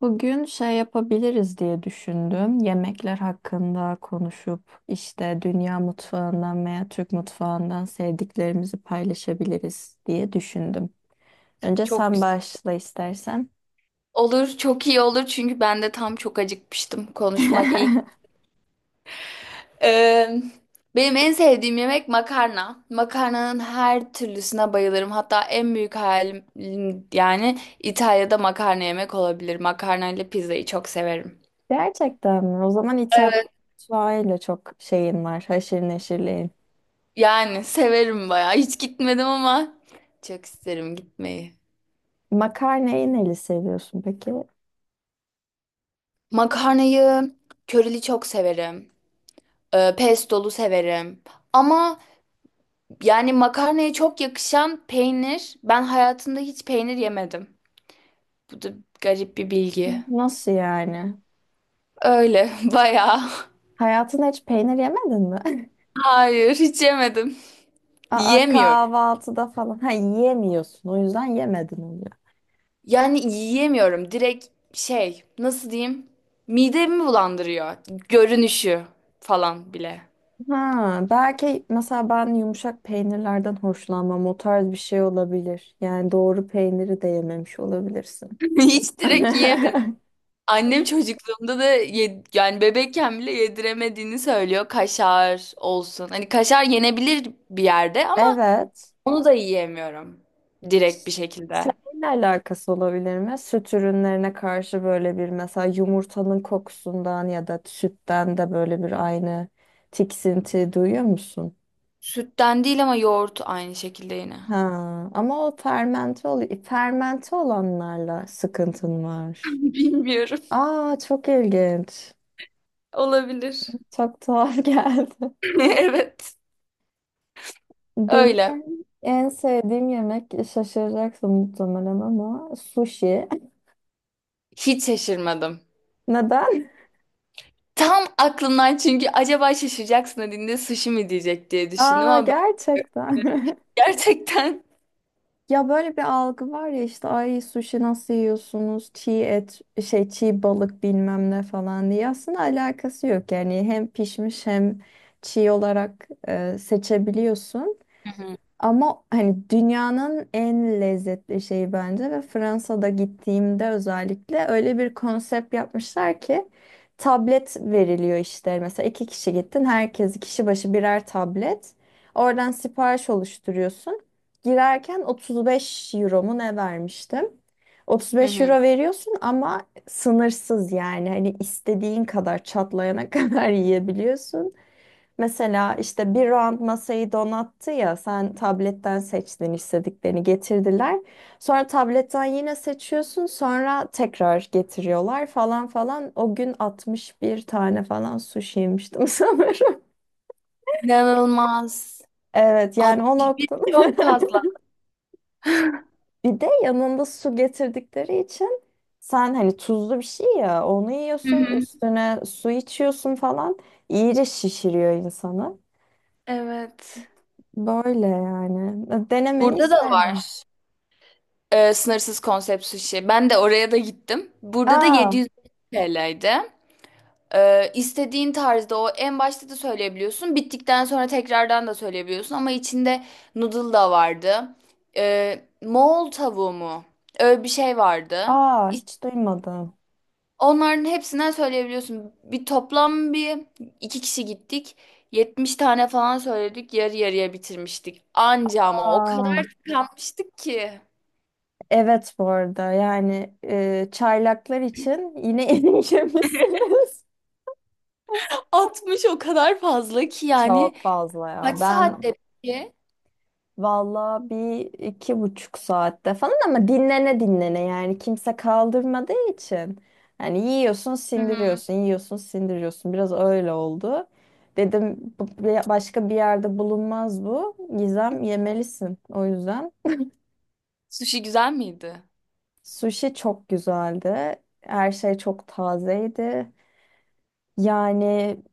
Bugün şey yapabiliriz diye düşündüm. Yemekler hakkında konuşup işte dünya mutfağından veya Türk mutfağından sevdiklerimizi paylaşabiliriz diye düşündüm. Önce Çok sen güzel başla istersen. olur, çok iyi olur çünkü ben de tam çok acıkmıştım. Konuşmak iyi. Ee, Benim en sevdiğim yemek makarna. Makarnanın her türlüsüne bayılırım. Hatta en büyük hayalim yani İtalya'da makarna yemek olabilir. Makarna ile pizzayı çok severim. Gerçekten mi? O zaman İtalyan Evet. mutfağıyla çok şeyin var, haşır neşirliğin. Yani severim bayağı. Hiç gitmedim ama çok isterim gitmeyi. Makarnayı neli seviyorsun peki? Makarnayı körili çok severim. Pestolu severim. Ama Yani makarnaya çok yakışan peynir. Ben hayatımda hiç peynir yemedim. Bu da garip bir bilgi. Nasıl yani? Öyle bayağı. Hayatında hiç peynir yemedin mi? Hayır, hiç yemedim. Aa, Yiyemiyorum. kahvaltıda falan. Ha, yiyemiyorsun. O yüzden yemedin oluyor. Yani yiyemiyorum. Direkt şey, nasıl diyeyim? Midemi bulandırıyor. Görünüşü falan bile. Ha, belki mesela ben yumuşak peynirlerden hoşlanmam. O tarz bir şey olabilir. Yani doğru peyniri de yememiş olabilirsin. Hiç direkt yiyemedim. Annem çocukluğumda da yani bebekken bile yediremediğini söylüyor. Kaşar olsun, hani kaşar yenebilir bir yerde, ama Evet. onu da yiyemiyorum. Direkt bir şekilde. Seninle alakası olabilir mi? Süt ürünlerine karşı böyle bir, mesela yumurtanın kokusundan ya da sütten de böyle bir aynı tiksinti duyuyor musun? Sütten değil ama yoğurt aynı şekilde yine. Ha, ama o fermente oluyor. Fermente olanlarla sıkıntın var. Bilmiyorum. Aa, çok ilginç. Olabilir. Çok tuhaf geldi. Evet. Benim Öyle. en sevdiğim yemek şaşıracaksın muhtemelen ama sushi. Hiç şaşırmadım. Neden? Tam aklımdan, çünkü acaba şaşıracaksın dediğinde sushi mi diyecek diye düşündüm Aa, ama ben gerçekten. gerçekten. Ya, böyle bir algı var ya, işte ay sushi nasıl yiyorsunuz? Çiğ et, şey çiğ balık bilmem ne falan diye. Aslında alakası yok yani, hem pişmiş hem çiğ olarak seçebiliyorsun. Hı hı. Ama hani dünyanın en lezzetli şeyi bence ve Fransa'da gittiğimde özellikle öyle bir konsept yapmışlar ki tablet veriliyor işte. Mesela iki kişi gittin, herkes kişi başı birer tablet. Oradan sipariş oluşturuyorsun. Girerken 35 euro mu ne vermiştim? Hı 35 hı. euro veriyorsun ama sınırsız yani, hani istediğin kadar çatlayana kadar yiyebiliyorsun. Mesela işte bir round masayı donattı ya, sen tabletten seçtin, istediklerini getirdiler. Sonra tabletten yine seçiyorsun, sonra tekrar getiriyorlar falan falan. O gün 61 tane falan sushi yemiştim sanırım. inanılmaz. Evet, yani o 61 noktada. çok fazla. Bir de yanında su getirdikleri için sen hani tuzlu bir şey ya, onu Hı yiyorsun hı. üstüne su içiyorsun falan. İyice şişiriyor insanı. Evet. Böyle yani. Denemeni Burada da var isterim. Sınırsız konsept sushi. Ben de oraya da gittim. Burada da Aa. 700 TL'ydi. İstediğin tarzda o en başta da söyleyebiliyorsun. Bittikten sonra tekrardan da söyleyebiliyorsun. Ama içinde noodle da vardı. Moğol tavuğu mu? Öyle bir şey vardı. Aa, İs- hiç duymadım. Onların hepsinden söyleyebiliyorsun. Bir toplam, bir iki kişi gittik. 70 tane falan söyledik. Yarı yarıya bitirmiştik. Anca, ama o Aa, kadar tıkanmıştık ki. evet bu arada yani, çaylaklar için yine erimişsiniz. 60 o kadar fazla ki yani. Çok fazla Kaç ya. Ben saatte peki? valla bir iki buçuk saatte falan, ama dinlene dinlene yani, kimse kaldırmadığı için. Yani yiyorsun Hı hı. sindiriyorsun, yiyorsun sindiriyorsun, biraz öyle oldu. Dedim başka bir yerde bulunmaz bu. Gizem, yemelisin o yüzden. Sushi güzel miydi? Sushi çok güzeldi. Her şey çok tazeydi. Yani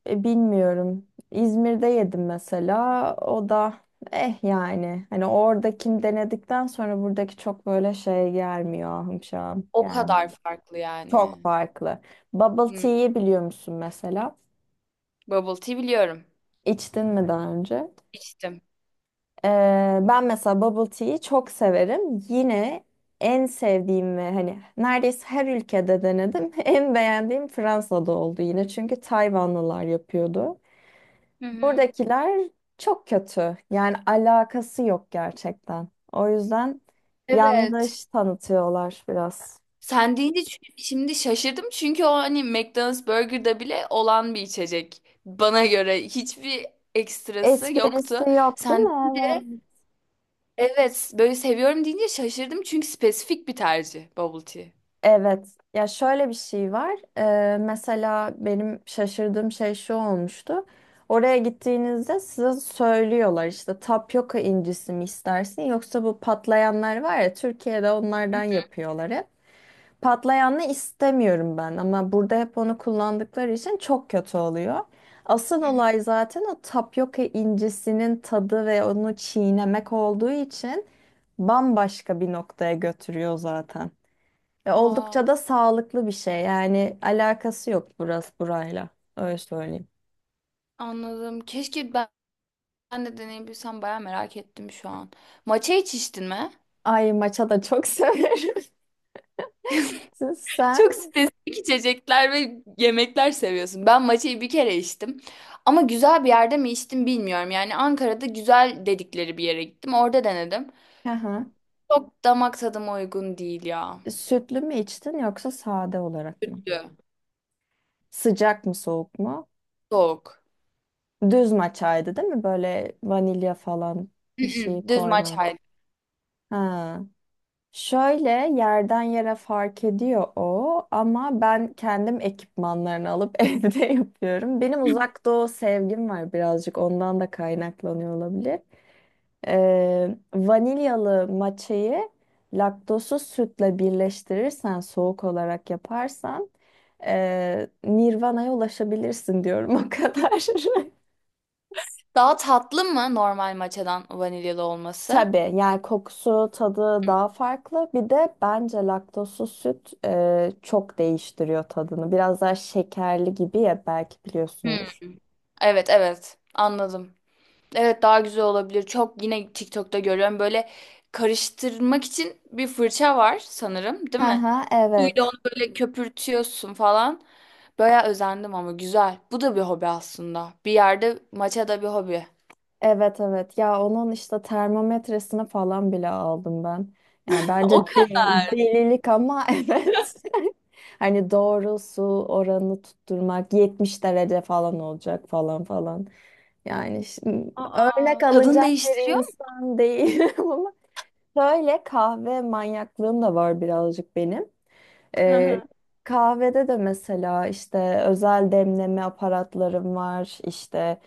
bilmiyorum. İzmir'de yedim mesela. O da eh yani. Hani oradakini denedikten sonra buradaki çok böyle şey gelmiyor. Ahım şahım O kadar gelmiyor. farklı Çok yani. farklı. Bubble Hmm. tea'yi biliyor musun mesela? Bubble tea biliyorum. İçtin mi daha önce? İçtim. Ben mesela bubble tea'yi çok severim. Yine en sevdiğim ve hani neredeyse her ülkede denedim. En beğendiğim Fransa'da oldu yine. Çünkü Tayvanlılar yapıyordu. Hı hı. Buradakiler çok kötü. Yani alakası yok gerçekten. O yüzden Evet. yanlış tanıtıyorlar biraz. Sen deyince şimdi şaşırdım, çünkü o hani McDonald's Burger'da bile olan bir içecek. Bana göre hiçbir ekstrası Esprisi yoktu. yok değil Sen mi? Evet. evet böyle seviyorum deyince şaşırdım, çünkü spesifik bir tercih bubble tea. Evet. Ya, şöyle bir şey var. Mesela benim şaşırdığım şey şu olmuştu. Oraya gittiğinizde size söylüyorlar işte, tapyoka incisi mi istersin, yoksa bu patlayanlar var ya, Türkiye'de Hı onlardan yapıyorlar hep. Patlayanı istemiyorum ben, ama burada hep onu kullandıkları için çok kötü oluyor. Asıl hı. olay zaten o tapyoka incisinin tadı ve onu çiğnemek olduğu için bambaşka bir noktaya götürüyor zaten. Ve Aa, oldukça da sağlıklı bir şey. Yani alakası yok burası burayla. Öyle söyleyeyim. anladım. Keşke ben de deneyebilsem, bayağı merak ettim şu an. Matcha hiç içtin mi? Ay, maça da çok severim. Sen. Çok spesifik içecekler ve yemekler seviyorsun. Ben matcha'yı bir kere içtim. Ama güzel bir yerde mi içtim bilmiyorum. Yani Ankara'da güzel dedikleri bir yere gittim. Orada denedim. Aha. Çok damak tadıma uygun değil ya. Sütlü mü içtin yoksa sade olarak mı? Kötü. Sıcak mı soğuk mu? Soğuk. Düz maçaydı değil mi? Böyle vanilya falan bir şey Mm-mm, düz koymamış. matcha. Ha. Şöyle yerden yere fark ediyor o, ama ben kendim ekipmanlarını alıp evde yapıyorum. Benim uzak doğu sevgim var birazcık, ondan da kaynaklanıyor olabilir. Vanilyalı matcha'yı laktozsuz sütle birleştirirsen, soğuk olarak yaparsan Nirvana'ya ulaşabilirsin diyorum, o kadar. Daha tatlı mı normal matcha'dan vanilyalı olması? Tabii yani kokusu, tadı daha farklı. Bir de bence laktozsuz süt çok değiştiriyor tadını. Biraz daha şekerli gibi ya, belki Hmm, biliyorsundur. evet evet, anladım. Evet, daha güzel olabilir. Çok yine TikTok'ta görüyorum, böyle karıştırmak için bir fırça var sanırım, değil mi? Aha, Suyla evet. onu böyle köpürtüyorsun falan. Bayağı özendim ama güzel. Bu da bir hobi aslında. Bir yerde maça da bir hobi. Evet evet, ya onun işte termometresini falan bile aldım ben. Yani bence O kadar. Delilik ama evet. Hani doğru su oranını tutturmak, 70 derece falan olacak falan falan. Yani şimdi örnek Aa, tadını alınacak bir değiştiriyor mu? insan değil ama şöyle kahve manyaklığım da var birazcık benim. Hı Ee, hı. Kahvede de mesela işte özel demleme aparatlarım var işte.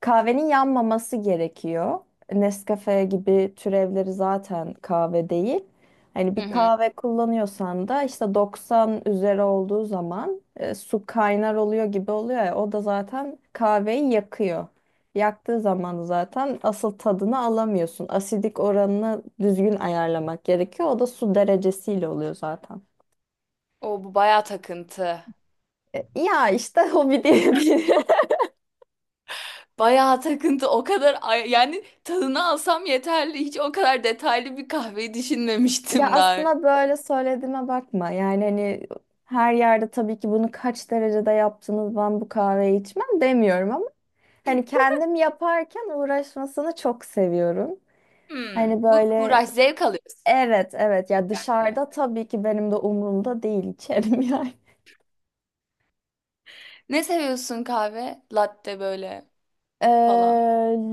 Kahvenin yanmaması gerekiyor. Nescafe gibi türevleri zaten kahve değil. Hani Hı bir hı. kahve kullanıyorsan da işte 90 üzeri olduğu zaman su kaynar oluyor gibi oluyor ya, o da zaten kahveyi yakıyor. Yaktığı zaman zaten asıl tadını alamıyorsun. Asidik oranını düzgün ayarlamak gerekiyor. O da su derecesiyle oluyor zaten. O bu bayağı takıntı. Ya işte hobi diyebilirim. Bayağı takıntı. O kadar yani tadını alsam yeterli. Hiç o kadar detaylı bir kahveyi Ya düşünmemiştim daha önce. aslında böyle söylediğime bakma. Yani hani her yerde tabii ki, bunu kaç derecede yaptınız ben bu kahveyi içmem, demiyorum ama hani kendim yaparken uğraşmasını çok seviyorum. Hmm. Hani Bu böyle, uğraş zevk alıyorsun evet evet, ya yani. dışarıda tabii ki benim de umurumda değil, içerim yani. Ne seviyorsun kahve? Latte böyle Ee, falan.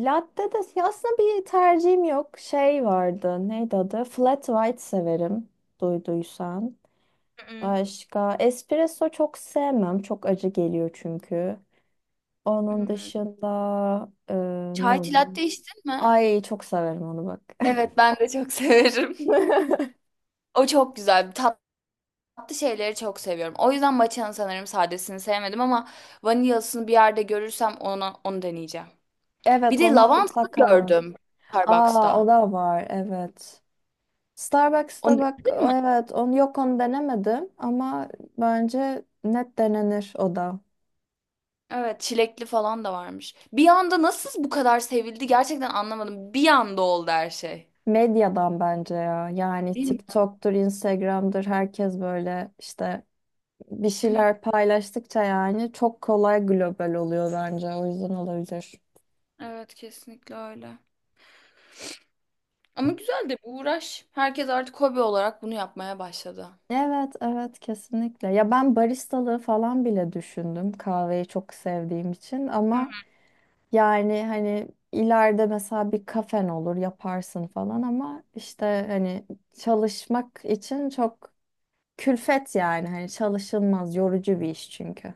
Latte de ya, aslında bir tercihim yok. Şey vardı, neydi adı? Flat white severim, duyduysan. Hı hı. Başka espresso çok sevmem. Çok acı geliyor çünkü. Hı Onun hı. dışında ne Çay oluyor? latte içtin mi? Ay, çok severim onu bak. Evet, ben de çok severim. O çok güzel. Tatlı şeyleri çok seviyorum. O yüzden matcha'nın sanırım sadesini sevmedim ama vanilyasını bir yerde görürsem onu deneyeceğim. Bir Evet, de ona lavantalı mutlaka bak. gördüm Aa, Starbucks'ta. o da var evet. Onu Starbucks'ta bak denedin o, mi? evet, onu yok onu denemedim ama bence net denenir o da. Evet, çilekli falan da varmış. Bir anda nasıl bu kadar sevildi gerçekten anlamadım. Bir anda oldu her şey. Medyadan bence ya, yani Değil mi? TikTok'tur Instagram'dır, herkes böyle işte bir Hı hı. şeyler paylaştıkça yani çok kolay global oluyor, bence o yüzden olabilir. Evet, kesinlikle öyle. Ama güzel de bir uğraş. Herkes artık hobi olarak bunu yapmaya başladı. Evet, evet kesinlikle. Ya ben baristalığı falan bile düşündüm kahveyi çok sevdiğim için, Hı. ama yani hani ileride mesela bir kafen olur, yaparsın falan, ama işte hani çalışmak için çok külfet, yani hani çalışılmaz, yorucu bir iş çünkü.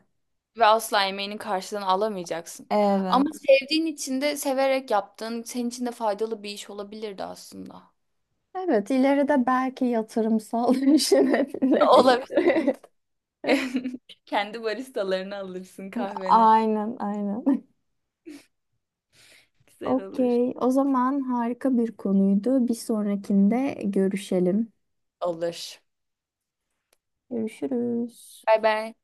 Ve asla emeğinin karşılığını alamayacaksın. Ama Evet. sevdiğin için de, severek yaptığın senin için de faydalı bir iş olabilirdi aslında. Evet, ileride belki yatırımsal düşünebilirim. Olabilir. Kendi baristalarını alırsın kahveni. Aynen, aynen. Güzel olur. Okey. O zaman harika bir konuydu. Bir sonrakinde görüşelim. Olur. Görüşürüz. Bay bay.